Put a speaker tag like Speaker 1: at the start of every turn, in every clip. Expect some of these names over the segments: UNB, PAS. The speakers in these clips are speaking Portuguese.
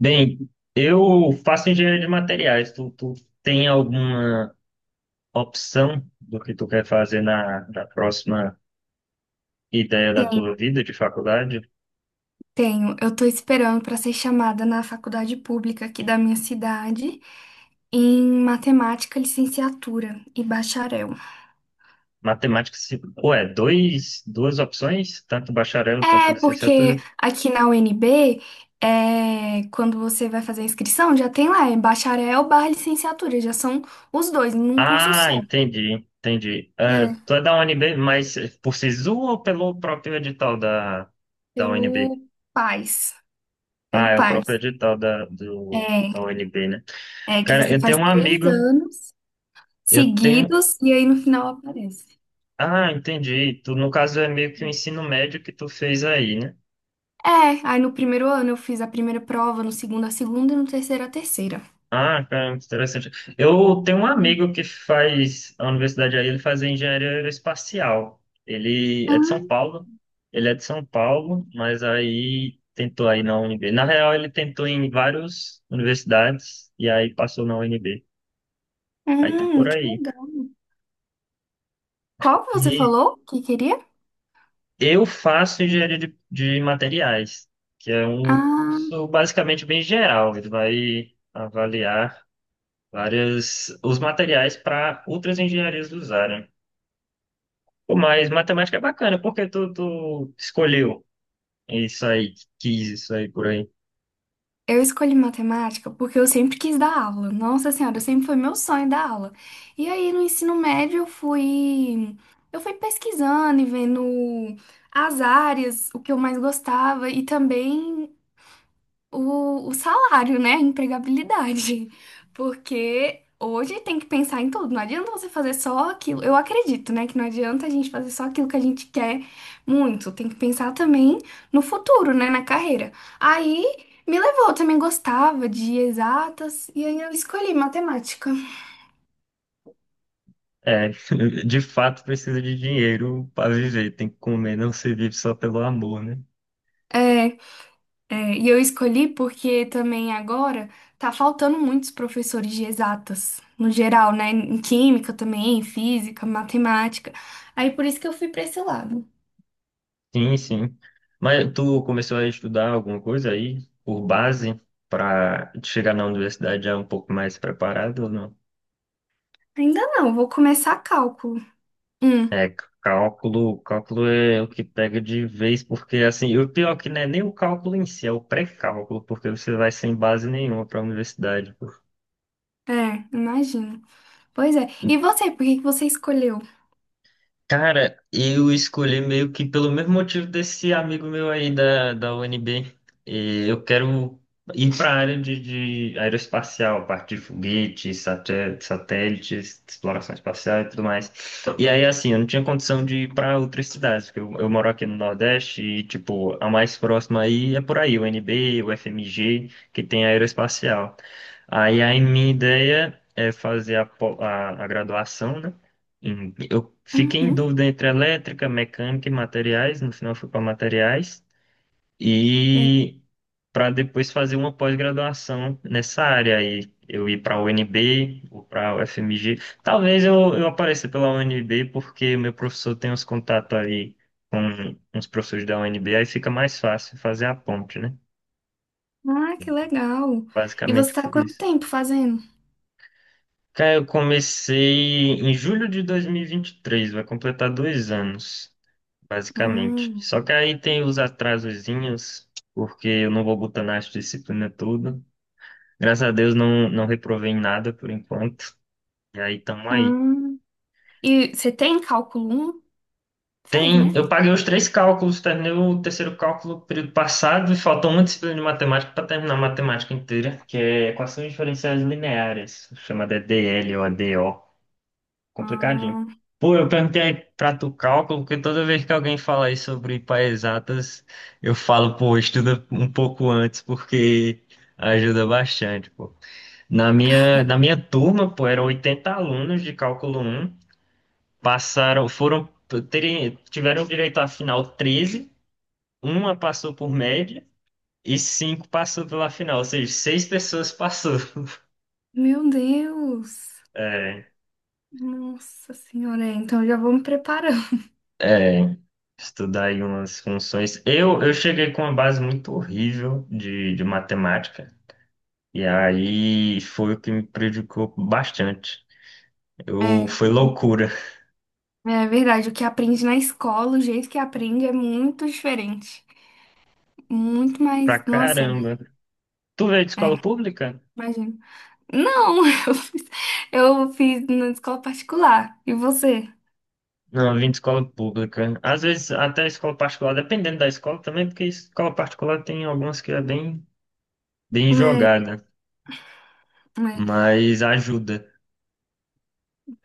Speaker 1: Bem, eu faço engenharia de materiais. Tu tem alguma opção do que tu quer fazer na próxima ideia da tua
Speaker 2: Tenho,
Speaker 1: vida de faculdade?
Speaker 2: tenho. Eu tô esperando para ser chamada na faculdade pública aqui da minha cidade em matemática, licenciatura e bacharel.
Speaker 1: Matemática, se, ué, dois, duas opções? Tanto bacharel, tanto
Speaker 2: É, porque
Speaker 1: licenciatura?
Speaker 2: aqui na UNB, quando você vai fazer a inscrição, já tem lá, é bacharel barra licenciatura, já são os dois, num curso
Speaker 1: Ah,
Speaker 2: só.
Speaker 1: entendi, entendi. Ah,
Speaker 2: É,
Speaker 1: tu é da UNB, mas por SISU ou pelo próprio edital da
Speaker 2: pelo
Speaker 1: UNB?
Speaker 2: PAS,
Speaker 1: Ah,
Speaker 2: pelo
Speaker 1: é o próprio
Speaker 2: PAS.
Speaker 1: edital da, do,
Speaker 2: É,
Speaker 1: da UNB, né?
Speaker 2: é que
Speaker 1: Cara,
Speaker 2: você
Speaker 1: eu tenho
Speaker 2: faz
Speaker 1: um
Speaker 2: três
Speaker 1: amigo,
Speaker 2: anos
Speaker 1: eu tenho
Speaker 2: seguidos e aí no final aparece.
Speaker 1: Ah, entendi. Tu, no caso, é meio que o ensino médio que tu fez aí, né?
Speaker 2: É, aí no primeiro ano eu fiz a primeira prova, no segundo a segunda e no terceiro a terceira.
Speaker 1: Ah, cara, interessante. Eu tenho um
Speaker 2: Hum.
Speaker 1: amigo que faz a universidade aí, ele faz engenharia aeroespacial. Ele é de São Paulo. Ele é de São Paulo, mas aí tentou aí na UNB. Na real, ele tentou em várias universidades e aí passou na UNB. Aí tá por
Speaker 2: Que
Speaker 1: aí.
Speaker 2: legal. Qual que você
Speaker 1: E
Speaker 2: falou que queria?
Speaker 1: eu faço engenharia de materiais, que é um
Speaker 2: Ah,
Speaker 1: curso basicamente bem geral. Ele vai avaliar várias os materiais para outras engenharias usarem. Pô, mas matemática é bacana, porque tu escolheu isso aí, quis isso aí por aí.
Speaker 2: eu escolhi matemática porque eu sempre quis dar aula. Nossa Senhora, sempre foi meu sonho dar aula. E aí no ensino médio eu fui pesquisando e vendo as áreas, o que eu mais gostava e também o salário, né? A empregabilidade. Porque hoje tem que pensar em tudo. Não adianta você fazer só aquilo. Eu acredito, né? Que não adianta a gente fazer só aquilo que a gente quer muito. Tem que pensar também no futuro, né? Na carreira. Aí me levou. Eu também gostava de exatas e aí eu escolhi matemática.
Speaker 1: É, de fato precisa de dinheiro para viver, tem que comer, não se vive só pelo amor, né?
Speaker 2: É, e eu escolhi porque também agora tá faltando muitos professores de exatas, no geral, né? Em química também, em física, matemática. Aí por isso que eu fui pra esse lado.
Speaker 1: Sim, sim. Mas tu começou a estudar alguma coisa aí por base para chegar na universidade já um pouco mais preparado ou não?
Speaker 2: Ainda não, vou começar cálculo. Hum,
Speaker 1: É, cálculo é o que pega de vez, porque assim, o pior é que não é nem o cálculo em si, é o pré-cálculo, porque você vai sem base nenhuma para a universidade.
Speaker 2: é, imagino. Pois é. E você, por que que você escolheu?
Speaker 1: Cara, eu escolhi meio que pelo mesmo motivo desse amigo meu aí da UNB. E eu quero ir para a área de aeroespacial, parte de foguetes, satélites, exploração espacial e tudo mais. E aí, assim, eu não tinha condição de ir para outras cidades, porque eu moro aqui no Nordeste e, tipo, a mais próxima aí é por aí, o UNB, o FMG, que tem aeroespacial. Aí, a minha ideia é fazer a graduação, né? Eu fiquei em
Speaker 2: Uhum.
Speaker 1: dúvida entre elétrica, mecânica e materiais. No final, eu fui para materiais.
Speaker 2: Sei.
Speaker 1: E para depois fazer uma pós-graduação nessa área. Aí eu ir para a UNB ou para a UFMG. Talvez eu apareça pela UNB, porque meu professor tem uns contatos aí com uns professores da UNB. Aí fica mais fácil fazer a ponte, né?
Speaker 2: Ah, que legal. E você
Speaker 1: Basicamente
Speaker 2: tá há
Speaker 1: por
Speaker 2: quanto
Speaker 1: isso.
Speaker 2: tempo fazendo?
Speaker 1: Cara, eu comecei em julho de dois mil e vinte e três. Vai completar 2 anos, basicamente.
Speaker 2: Hum.
Speaker 1: Só que aí tem os atrasozinhos, porque eu não vou botar nas disciplinas tudo. Graças a Deus não, não reprovei em nada por enquanto. E aí tamo aí.
Speaker 2: Ah. E você tem cálculo um? Fez, né?
Speaker 1: Tem, eu paguei os três cálculos, terminei o terceiro cálculo no período passado e faltou uma disciplina de matemática para terminar a matemática inteira, que é equações diferenciais lineares, chamada DL ou ADO. Complicadinho.
Speaker 2: Ah,
Speaker 1: Pô, eu perguntei pra tu cálculo, porque toda vez que alguém fala aí sobre para exatas, eu falo, pô, estuda um pouco antes, porque ajuda bastante, pô. Na minha turma, pô, eram 80 alunos de cálculo um passaram, foram, tiveram direito à final 13. Uma passou por média e cinco passou pela final, ou seja, seis pessoas passou.
Speaker 2: meu Deus.
Speaker 1: É.
Speaker 2: Nossa senhora, é, então já vou me preparando.
Speaker 1: É, estudar aí umas funções. Eu cheguei com uma base muito horrível de matemática, e aí foi o que me prejudicou bastante.
Speaker 2: É,
Speaker 1: Foi
Speaker 2: o-
Speaker 1: loucura
Speaker 2: é verdade, o que aprende na escola, o jeito que aprende é muito diferente. Muito
Speaker 1: pra
Speaker 2: mais. Nossa,
Speaker 1: caramba. Tu veio de
Speaker 2: é,
Speaker 1: escola pública?
Speaker 2: imagino. Não, eu fiz, eu fiz na escola particular. E você?
Speaker 1: Não, eu vim de escola pública. Às vezes até escola particular, dependendo da escola também, porque escola particular tem algumas que é bem, bem
Speaker 2: É,
Speaker 1: jogada,
Speaker 2: é,
Speaker 1: mas ajuda.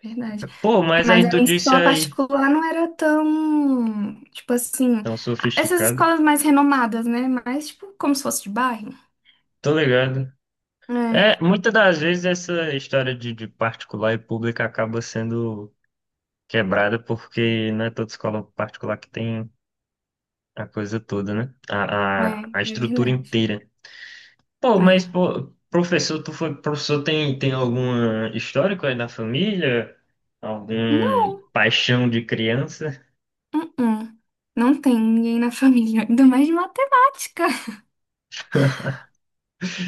Speaker 2: verdade.
Speaker 1: Pô, mas
Speaker 2: Mas
Speaker 1: aí
Speaker 2: a
Speaker 1: tu
Speaker 2: minha
Speaker 1: disse
Speaker 2: escola
Speaker 1: aí,
Speaker 2: particular não era tão. Tipo assim.
Speaker 1: tão
Speaker 2: Essas
Speaker 1: sofisticado.
Speaker 2: escolas mais renomadas, né? Mas, tipo, como se fosse de bairro.
Speaker 1: Tô ligado.
Speaker 2: É,
Speaker 1: É, muitas das vezes essa história de particular e pública acaba sendo quebrada porque não é toda escola particular que tem a coisa toda, né? A, a,
Speaker 2: é,
Speaker 1: a
Speaker 2: é
Speaker 1: estrutura
Speaker 2: verdade.
Speaker 1: inteira. Pô,
Speaker 2: É.
Speaker 1: mas pô, professor, tu foi professor, tem alguma histórico aí na família? Algum
Speaker 2: Não.
Speaker 1: paixão de criança?
Speaker 2: Uh-uh. Não tem ninguém na família, ainda mais de matemática.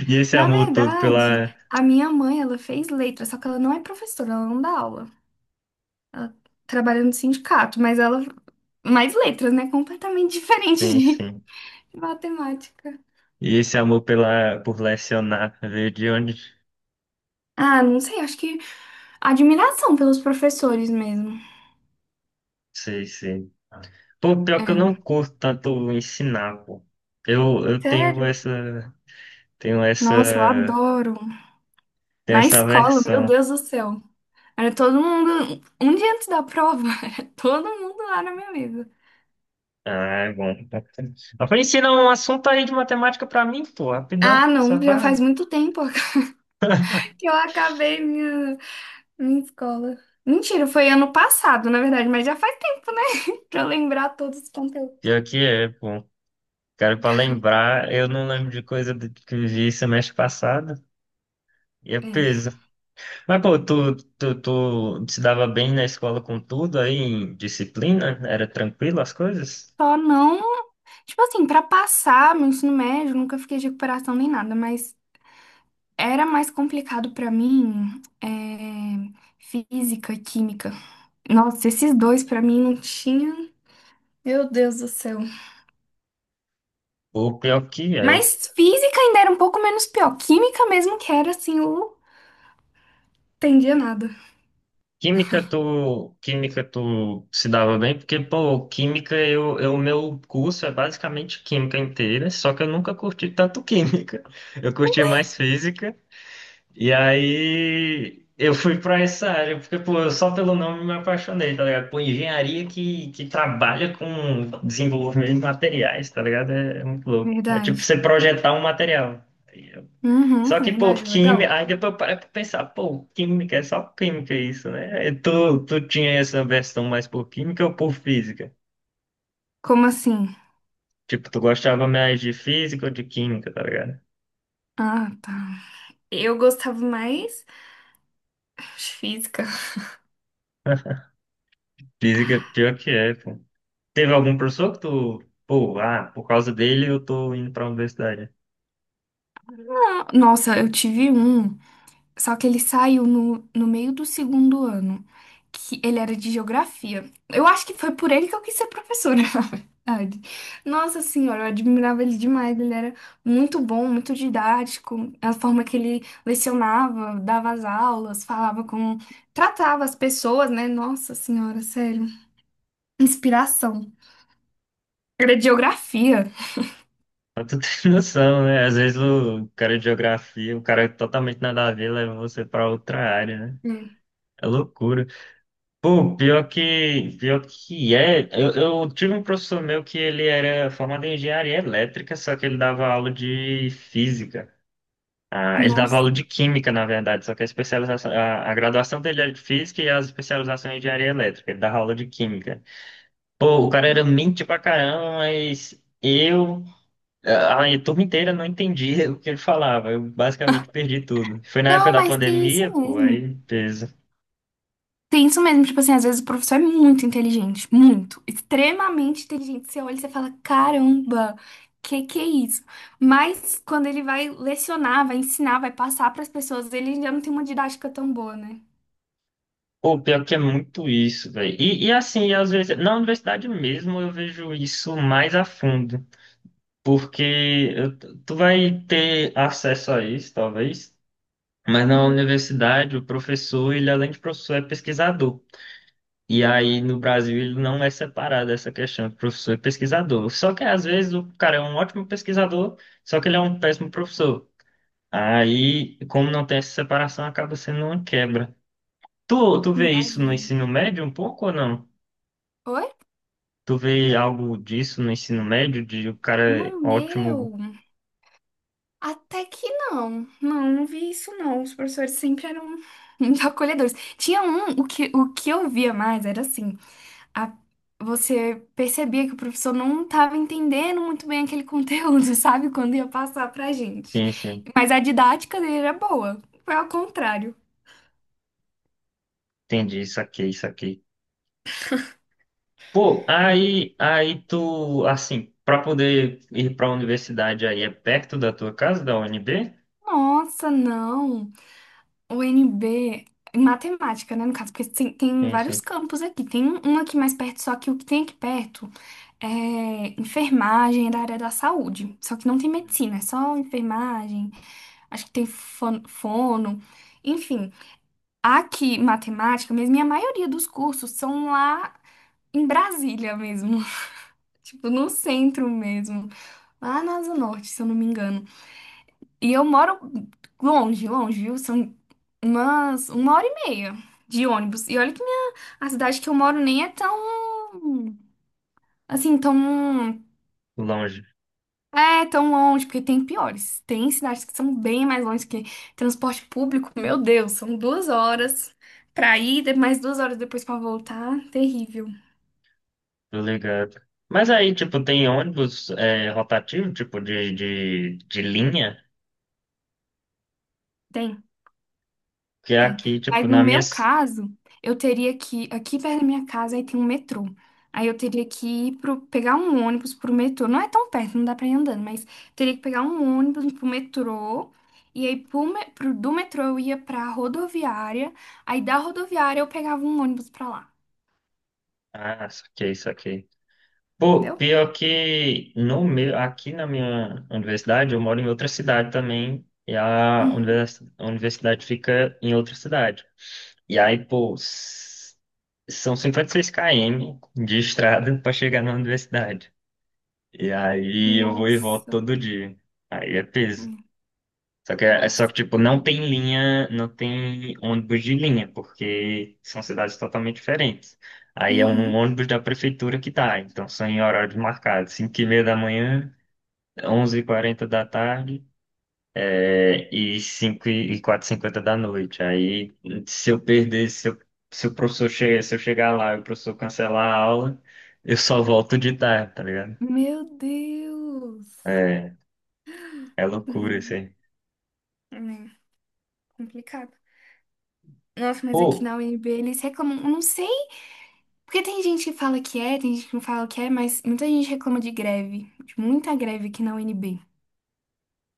Speaker 1: E esse
Speaker 2: Na
Speaker 1: amor todo
Speaker 2: verdade,
Speaker 1: pela...
Speaker 2: a minha mãe, ela fez letras, só que ela não é professora, ela não dá aula. Ela trabalha no sindicato, mas ela mais letras, né? Completamente diferente
Speaker 1: Sim,
Speaker 2: de
Speaker 1: sim.
Speaker 2: matemática.
Speaker 1: E esse amor pela, por lecionar, veio de onde?
Speaker 2: Ah, não sei, acho que admiração pelos professores mesmo.
Speaker 1: Sei, sei. Pô, pior que eu não
Speaker 2: É.
Speaker 1: curto tanto ensinar, pô. Eu tenho
Speaker 2: Sério?
Speaker 1: essa, tenho
Speaker 2: Nossa, eu
Speaker 1: essa,
Speaker 2: adoro.
Speaker 1: tenho
Speaker 2: Na
Speaker 1: essa
Speaker 2: escola, meu
Speaker 1: versão.
Speaker 2: Deus do céu. Era todo mundo, um dia antes da prova, era todo mundo lá na minha mesa.
Speaker 1: Ah, é bom. Ela ensina um assunto aí de matemática pra mim, pô, rapidão,
Speaker 2: Ah,
Speaker 1: só
Speaker 2: não, já faz
Speaker 1: pra...
Speaker 2: muito tempo que eu acabei minha escola. Mentira, foi ano passado, na verdade, mas já faz tempo, né? Pra eu lembrar todos os conteúdos.
Speaker 1: Pior que é, pô. Cara, pra lembrar, eu não lembro de que eu vi semestre passado, e é
Speaker 2: É.
Speaker 1: peso. Mas, pô, tu se dava bem na escola com tudo aí, em disciplina? Era tranquilo as coisas?
Speaker 2: Só não, tipo assim, pra passar meu ensino médio, nunca fiquei de recuperação nem nada, mas era mais complicado pra mim, é, física e química. Nossa, esses dois pra mim não tinha. Meu Deus do céu.
Speaker 1: Pô, pior que é.
Speaker 2: Mas física ainda era um pouco menos pior. Química mesmo que era assim, eu não entendia nada.
Speaker 1: Química tu se dava bem, porque, pô, química, o meu curso é basicamente química inteira, só que eu nunca curti tanto química. Eu curti mais física, e aí eu fui pra essa área, porque, pô, eu só pelo nome me apaixonei, tá ligado? Pô, engenharia que trabalha com desenvolvimento de materiais, tá ligado? É muito louco. É tipo
Speaker 2: Verdade.
Speaker 1: você projetar um material.
Speaker 2: Uhum,
Speaker 1: Só que, pô,
Speaker 2: verdade, legal.
Speaker 1: química, aí depois eu parei pra pensar, pô, química, é só química isso, né? E tu tinha essa versão mais por química ou por física?
Speaker 2: Como assim?
Speaker 1: Tipo, tu gostava mais de física ou de química, tá ligado?
Speaker 2: Ah, tá. Eu gostava mais de física.
Speaker 1: Física, pior que é, pô. Teve algum professor que tu, pô, ah, por causa dele eu tô indo pra universidade.
Speaker 2: Ah, nossa, eu tive um, só que ele saiu no meio do segundo ano, que ele era de geografia. Eu acho que foi por ele que eu quis ser professora, na verdade. Nossa senhora, eu admirava ele demais. Ele era muito bom, muito didático. A forma que ele lecionava, dava as aulas, falava com... Tratava as pessoas, né? Nossa senhora, sério. Inspiração. Era de geografia.
Speaker 1: Mas tu tem noção, né? Às vezes o cara de geografia, o cara totalmente nada a ver, leva você pra outra área, né?
Speaker 2: Hum.
Speaker 1: É loucura. Pô, pior que é, eu tive um professor meu que ele era formado em engenharia elétrica, só que ele dava aula de física. Ah, ele dava
Speaker 2: Nossa.
Speaker 1: aula de química, na verdade, só que a especialização, a graduação dele era de física e a especialização em engenharia elétrica. Ele dava aula de química. Pô, o cara era mente pra caramba, mas a turma inteira não entendia o que ele falava. Eu basicamente perdi tudo. Foi na época
Speaker 2: Não,
Speaker 1: da
Speaker 2: mas tem isso
Speaker 1: pandemia, pô,
Speaker 2: mesmo.
Speaker 1: aí.
Speaker 2: Tem isso mesmo. Tipo assim, às vezes o professor é muito inteligente. Muito. Extremamente inteligente. Você olha e você fala, caramba, que é isso? Mas quando ele vai lecionar, vai ensinar, vai passar para as pessoas, ele já não tem uma didática tão boa, né?
Speaker 1: Pô, pior que é muito isso, velho. E assim, às vezes, na universidade mesmo eu vejo isso mais a fundo, porque eu- tu vai ter acesso a isso, talvez, mas na
Speaker 2: Uhum.
Speaker 1: universidade o professor, ele além de professor, é pesquisador. E aí no Brasil ele não é separado essa questão de professor e pesquisador. Só que às vezes o cara é um ótimo pesquisador, só que ele é um péssimo professor. Aí, como não tem essa separação, acaba sendo uma quebra. Tu vê isso no
Speaker 2: Imagino.
Speaker 1: ensino médio um pouco ou não?
Speaker 2: Oi?
Speaker 1: Tu vê algo disso no ensino médio, de o cara é
Speaker 2: No
Speaker 1: ótimo,
Speaker 2: meu, até que não. Não, não vi isso não. Os professores sempre eram muito acolhedores. Tinha um, o que eu via mais era assim. a- Você percebia que o professor não estava entendendo muito bem aquele conteúdo, sabe? Quando ia passar pra gente.
Speaker 1: sim, sim,
Speaker 2: Mas a didática dele era boa. Foi ao contrário.
Speaker 1: entendi, isso aqui, isso aqui. Pô, aí tu, assim, pra poder ir pra universidade aí, é perto da tua casa, da UNB?
Speaker 2: Nossa, não. O NB, em matemática, né? No caso, porque tem
Speaker 1: Sim, sim,
Speaker 2: vários campos aqui. Tem um aqui mais perto, só que o que tem aqui perto é enfermagem é da área da saúde. Só que não tem medicina, é só enfermagem. Acho que tem fono. Enfim. Aqui, matemática, mesmo, e a maioria dos cursos são lá em Brasília mesmo, tipo, no centro mesmo, lá na Asa Norte, se eu não me engano. E eu moro longe, longe, viu? São umas uma hora e meia de ônibus. E olha que a cidade que eu moro nem é tão, assim, tão,
Speaker 1: longe,
Speaker 2: tão longe, porque tem piores. Tem cidades que são bem mais longe que transporte público, meu Deus, são 2 horas. Pra ir, mais 2 horas depois pra voltar, terrível.
Speaker 1: tô ligado. Mas aí, tipo, tem ônibus é, rotativo, tipo, de linha,
Speaker 2: Tem,
Speaker 1: que é
Speaker 2: tem.
Speaker 1: aqui, tipo,
Speaker 2: Mas no
Speaker 1: na minha...
Speaker 2: meu caso, eu teria que ir aqui perto da minha casa aí tem um metrô. Aí eu teria que ir pro, pegar um ônibus pro metrô. Não é tão perto, não dá pra ir andando, mas teria que pegar um ônibus pro metrô. E aí do metrô eu ia pra rodoviária. Aí da rodoviária eu pegava um ônibus pra lá.
Speaker 1: Ah, isso aqui, isso aqui. Pô,
Speaker 2: Entendeu?
Speaker 1: pior que no meu, aqui na minha universidade, eu moro em outra cidade também, e
Speaker 2: Uhum.
Speaker 1: a universidade fica em outra cidade. E aí, pô, são 56 km de estrada para chegar na universidade. E aí eu vou e volto
Speaker 2: Nossa.
Speaker 1: todo dia. Aí é peso.
Speaker 2: Hum.
Speaker 1: Só que, é só que,
Speaker 2: Nossa.
Speaker 1: tipo, não tem linha, não tem ônibus de linha, porque são cidades totalmente diferentes. Aí é um
Speaker 2: Uhum.
Speaker 1: ônibus da prefeitura que tá, então são em horários marcados, 5:30 da manhã, 11:40 da tarde e 5 e 4:50 da noite. Aí, se eu perder, se o professor chegar, se eu chegar lá e o professor cancelar a aula, eu só volto de tarde, tá ligado?
Speaker 2: Meu Deus.
Speaker 1: É, é loucura isso
Speaker 2: Uhum.
Speaker 1: aí.
Speaker 2: É complicado. Nossa, mas aqui
Speaker 1: Pô,
Speaker 2: na UNB eles reclamam. Eu não sei. Porque tem gente que fala que é, tem gente que não fala que é, mas muita gente reclama de greve, de muita greve aqui na UNB.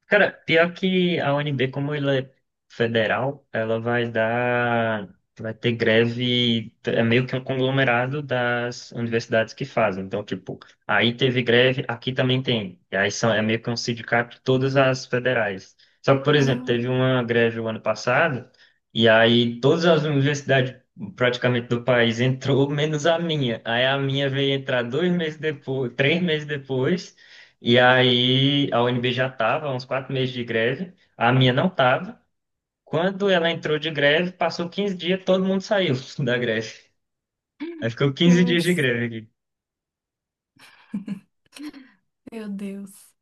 Speaker 1: cara, pior que a UNB, como ela é federal, ela vai dar, vai ter greve, é meio que um conglomerado das universidades que fazem. Então, tipo, aí teve greve, aqui também tem. E aí são, é meio que um sindicato de todas as federais. Só que, por exemplo,
Speaker 2: Ah,
Speaker 1: teve uma greve o ano passado, e aí todas as universidades praticamente do país entrou, menos a minha. Aí a minha veio entrar 2 meses depois, 3 meses depois. E aí a UNB já estava, uns 4 meses de greve, a minha não estava. Quando ela entrou de greve, passou 15 dias, todo mundo saiu da greve. Aí ficou 15 dias de
Speaker 2: nossa.
Speaker 1: greve.
Speaker 2: Meu Deus.